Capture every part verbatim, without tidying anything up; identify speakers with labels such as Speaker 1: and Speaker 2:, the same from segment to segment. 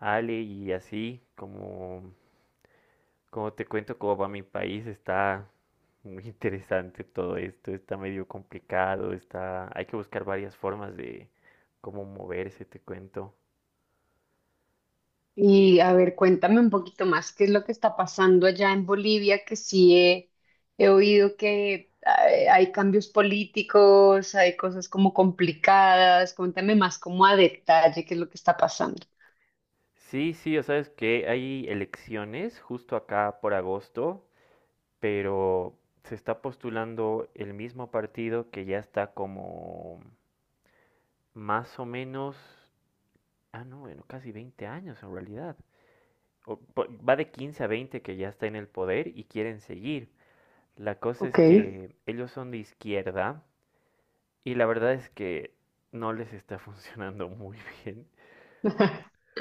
Speaker 1: Ale y así, como, como te cuento, cómo va mi país, está muy interesante todo esto, está medio complicado, está, hay que buscar varias formas de cómo moverse, te cuento.
Speaker 2: Y a ver, cuéntame un poquito más, ¿qué es lo que está pasando allá en Bolivia? Que sí he, he oído que hay, hay cambios políticos, hay cosas como complicadas. Cuéntame más como a detalle qué es lo que está pasando.
Speaker 1: Sí, sí, o sabes que hay elecciones justo acá por agosto, pero se está postulando el mismo partido que ya está como más o menos, ah, no, bueno, casi veinte años en realidad, o va de quince a veinte que ya está en el poder y quieren seguir. La cosa
Speaker 2: Ok.
Speaker 1: es que ellos son de izquierda y la verdad es que no les está funcionando muy bien,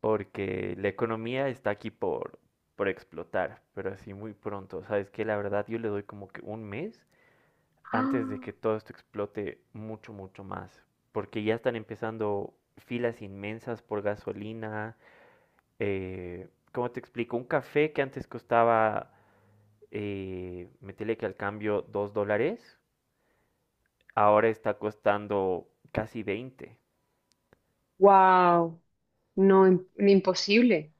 Speaker 1: porque la economía está aquí por, por explotar, pero así muy pronto. Sabes que la verdad yo le doy como que un mes antes de que todo esto explote mucho, mucho más, porque ya están empezando filas inmensas por gasolina. Eh, ¿cómo te explico? Un café que antes costaba, eh, meterle que al cambio dos dólares, ahora está costando casi veinte.
Speaker 2: Wow, no, im- imposible.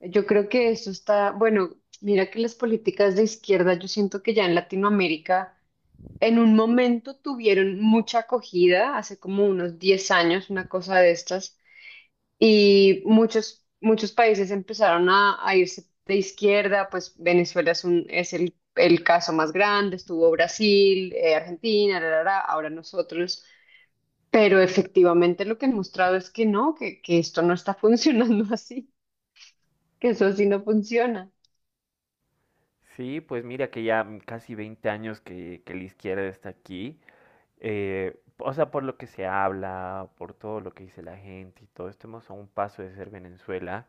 Speaker 2: Yo creo que eso está, bueno, mira que las políticas de izquierda, yo siento que ya en Latinoamérica en un momento tuvieron mucha acogida, hace como unos diez años, una cosa de estas, y muchos, muchos países empezaron a, a irse de izquierda, pues Venezuela es, un, es el, el caso más grande, estuvo Brasil, eh, Argentina, ra, ra, ra, ahora nosotros, pero efectivamente lo que han mostrado es que no, que, que esto no está funcionando así, que eso así no funciona.
Speaker 1: Sí, pues mira que ya casi veinte años que, que la izquierda está aquí. Eh, o sea, por lo que se habla, por todo lo que dice la gente y todo, estamos a un paso de ser Venezuela,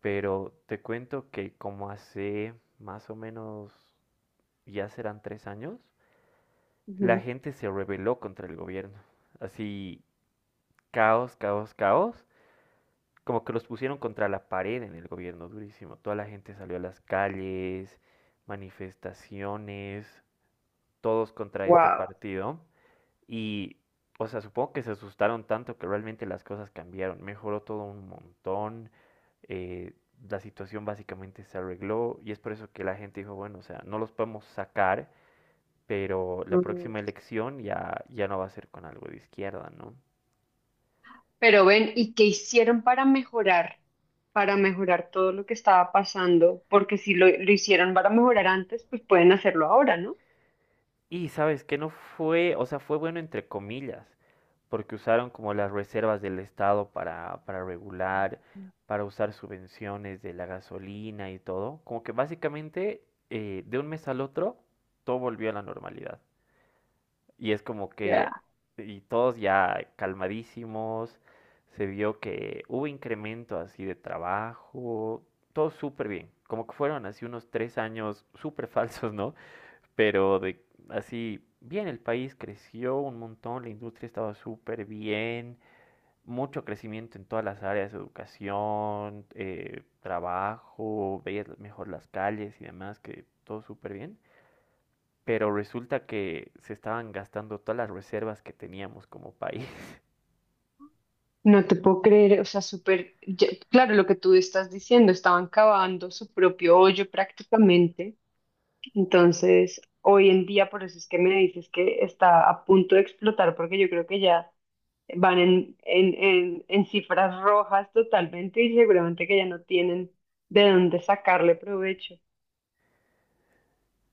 Speaker 1: pero te cuento que como hace más o menos, ya serán tres años, la
Speaker 2: Ujú.
Speaker 1: gente se rebeló contra el gobierno. Así, caos, caos, caos. Como que los pusieron contra la pared en el gobierno, durísimo. Toda la gente salió a las calles, manifestaciones, todos contra este
Speaker 2: Wow.
Speaker 1: partido. Y, o sea, supongo que se asustaron tanto que realmente las cosas cambiaron. Mejoró todo un montón. eh, la situación básicamente se arregló y es por eso que la gente dijo, bueno, o sea, no los podemos sacar, pero la
Speaker 2: Mm.
Speaker 1: próxima elección ya, ya no va a ser con algo de izquierda, ¿no?
Speaker 2: Pero ven, ¿y qué hicieron para mejorar? Para mejorar todo lo que estaba pasando, porque si lo, lo hicieron para mejorar antes, pues pueden hacerlo ahora, ¿no?
Speaker 1: Y sabes que no fue, o sea, fue bueno entre comillas, porque usaron como las reservas del Estado para, para, regular, para usar subvenciones de la gasolina y todo. Como que básicamente, eh, de un mes al otro todo volvió a la normalidad. Y es como que,
Speaker 2: Ya.
Speaker 1: y todos ya calmadísimos, se vio que hubo incremento así de trabajo, todo súper bien. Como que fueron así unos tres años súper falsos, ¿no? Pero de así, bien, el país creció un montón, la industria estaba súper bien, mucho crecimiento en todas las áreas, educación, eh, trabajo, veías mejor las calles y demás, que todo súper bien. Pero resulta que se estaban gastando todas las reservas que teníamos como país.
Speaker 2: No te puedo creer, o sea, súper, ya- claro, lo que tú estás diciendo, estaban cavando su propio hoyo prácticamente, entonces hoy en día por eso es que me dices que está a punto de explotar, porque yo creo que ya van en, en, en, en cifras rojas totalmente y seguramente que ya no tienen de dónde sacarle provecho.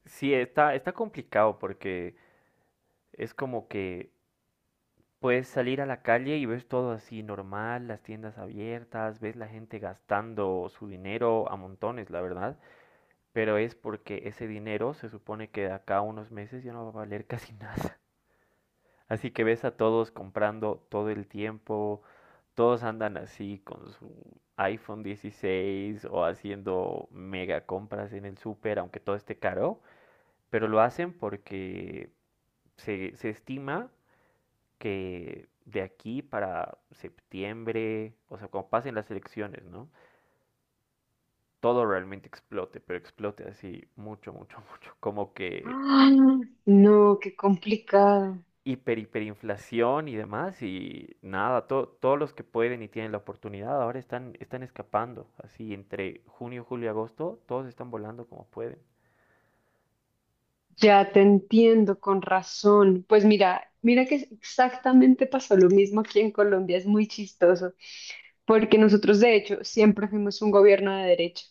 Speaker 1: Sí, está, está complicado porque es como que puedes salir a la calle y ves todo así normal, las tiendas abiertas, ves la gente gastando su dinero a montones, la verdad, pero es porque ese dinero se supone que de acá a unos meses ya no va a valer casi nada. Así que ves a todos comprando todo el tiempo, todos andan así con su iPhone dieciséis o haciendo mega compras en el súper, aunque todo esté caro, pero lo hacen porque se, se, estima que de aquí para septiembre, o sea, cuando pasen las elecciones, ¿no? Todo realmente explote, pero explote así mucho, mucho, mucho, como que
Speaker 2: Ah, no, qué complicado.
Speaker 1: hiper, hiperinflación y demás, y nada, to- todos los que pueden y tienen la oportunidad ahora están, están escapando, así entre junio, julio y agosto, todos están volando como pueden.
Speaker 2: Ya te entiendo, con razón. Pues mira, mira que exactamente pasó lo mismo aquí en Colombia, es muy chistoso, porque nosotros de hecho siempre fuimos un gobierno de derecha.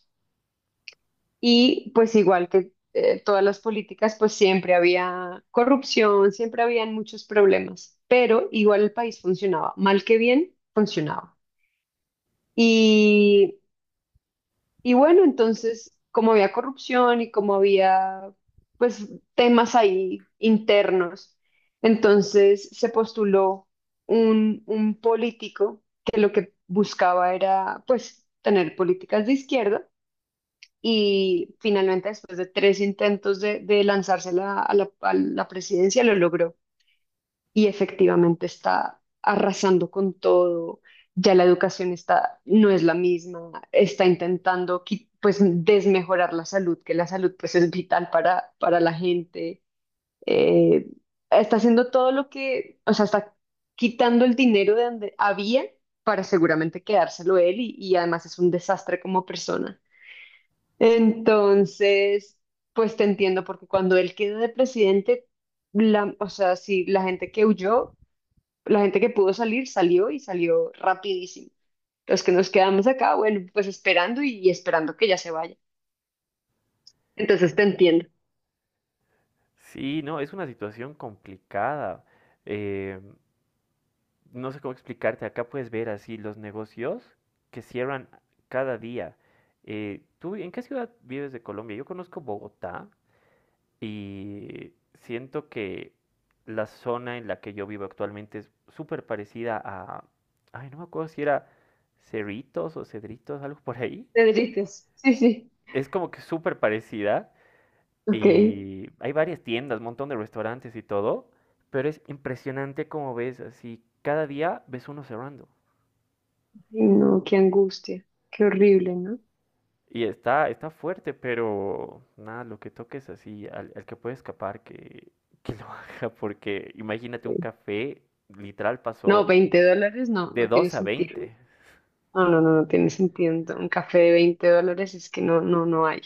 Speaker 2: Y pues igual que eh, todas las políticas, pues siempre había corrupción, siempre habían muchos problemas, pero igual el país funcionaba, mal que bien, funcionaba. Y, y bueno, entonces, como había corrupción y como había pues temas ahí internos, entonces se postuló un, un político que lo que buscaba era pues tener políticas de izquierda y finalmente después de tres intentos de, de lanzarse a la, a la- a la presidencia lo logró y efectivamente está arrasando con todo, ya la educación está, no es la misma, está intentando qui- pues desmejorar la salud, que la salud pues es vital para, para la gente. Eh, Está haciendo todo lo que, o sea, está quitando el dinero de donde había para seguramente quedárselo él y y además es un desastre como persona. Entonces, pues te entiendo, porque cuando él quedó de presidente, la, o sea, sí, la gente que huyó, la gente que pudo salir, salió y salió rapidísimo. Los que nos quedamos acá, bueno, pues esperando y, y esperando que ya se vaya. Entonces te entiendo.
Speaker 1: Sí, no, es una situación complicada. Eh, no sé cómo explicarte, acá puedes ver así los negocios que cierran cada día. Eh, ¿tú en qué ciudad vives de Colombia? Yo conozco Bogotá y siento que la zona en la que yo vivo actualmente es súper parecida a... Ay, no me acuerdo si era Cerritos o Cedritos, algo por ahí.
Speaker 2: Te derrites. Sí, sí.
Speaker 1: Es como que súper parecida
Speaker 2: Ok. Ay,
Speaker 1: y hay varias tiendas, un montón de restaurantes y todo, pero es impresionante como ves así, cada día ves uno cerrando.
Speaker 2: no, qué angustia. Qué horrible, ¿no?
Speaker 1: Y está, está fuerte, pero nada, lo que toques así, al, al, que puede escapar, que, que lo haga, porque imagínate un
Speaker 2: Sí.
Speaker 1: café, literal
Speaker 2: No,
Speaker 1: pasó
Speaker 2: veinte dólares no,
Speaker 1: de
Speaker 2: no tiene
Speaker 1: dos a
Speaker 2: sentido.
Speaker 1: veinte
Speaker 2: No, no, no, no tiene sentido. Un café de veinte dólares es que no, no, no hay.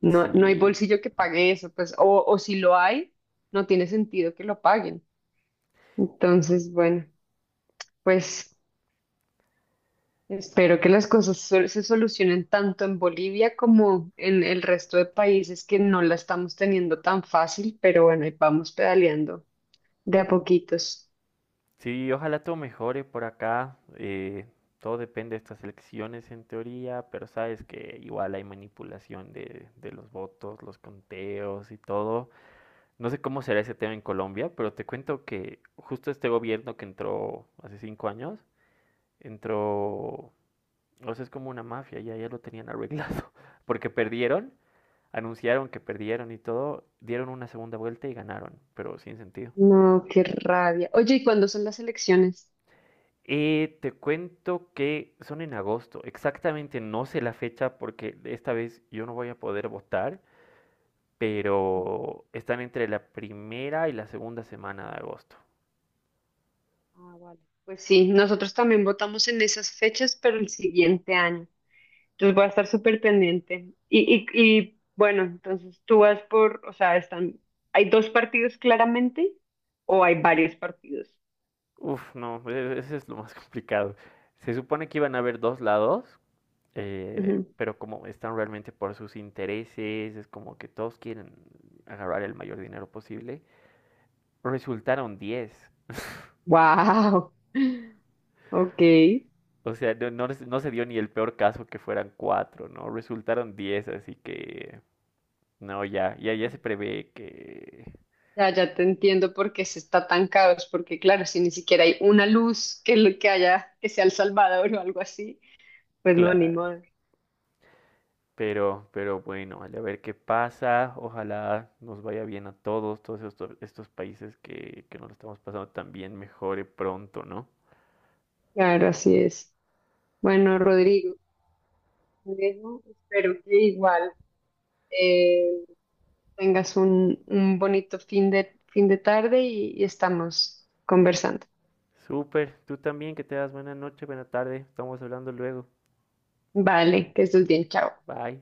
Speaker 2: No, no hay
Speaker 1: Sí,
Speaker 2: bolsillo que pague eso, pues, o, o si lo hay, no tiene sentido que lo paguen. Entonces, bueno, pues espero que las cosas sol- se solucionen tanto en Bolivia como en el resto de países que no la estamos teniendo tan fácil, pero bueno, ahí vamos pedaleando de a poquitos.
Speaker 1: sí, ojalá todo mejore por acá. Eh, todo depende de estas elecciones en teoría, pero sabes que igual hay manipulación de, de los votos, los conteos y todo. No sé cómo será ese tema en Colombia, pero te cuento que justo este gobierno que entró hace cinco años, entró o sea, es como una mafia, ya, ya lo tenían arreglado. Porque perdieron, anunciaron que perdieron y todo, dieron una segunda vuelta y ganaron, pero sin sentido.
Speaker 2: No, qué rabia. Oye, ¿y cuándo son las elecciones?
Speaker 1: Eh, te cuento que son en agosto, exactamente no sé la fecha porque esta vez yo no voy a poder votar, pero están entre la primera y la segunda semana de agosto.
Speaker 2: Ah, vale. Pues sí, nosotros también votamos en esas fechas, pero el siguiente año. Entonces voy a estar súper pendiente. Y, y, y bueno, entonces tú vas por, o sea, están, ¿hay dos partidos claramente o hay varios partidos?
Speaker 1: Uf, no, e- e-, ese es lo más complicado. Se supone que iban a haber dos lados, eh,
Speaker 2: Ujú.
Speaker 1: pero como están realmente por sus intereses, es como que todos quieren agarrar el mayor dinero posible, resultaron diez.
Speaker 2: Wow. Ok.
Speaker 1: O sea, no, no, no se dio ni el peor caso que fueran cuatro, ¿no? Resultaron diez, así que no, ya, ya, ya se prevé que,
Speaker 2: Ya, ya te entiendo por qué se está tan caos, porque claro, si ni siquiera hay una luz que, lo- que haya, que sea El Salvador o algo así, pues no, ni
Speaker 1: claro.
Speaker 2: modo.
Speaker 1: Pero, pero bueno, vale, a ver qué pasa. Ojalá nos vaya bien a todos, todos, estos, estos países que, que nos lo estamos pasando, también mejore pronto, ¿no?
Speaker 2: Claro, así es. Bueno, Rodrigo. Por eso espero que igual eh, tengas un, un bonito fin de, fin de tarde y y estamos conversando.
Speaker 1: Súper, tú también, que te das buena noche, buena tarde. Estamos hablando luego.
Speaker 2: Vale, que estés bien, chao.
Speaker 1: Bye.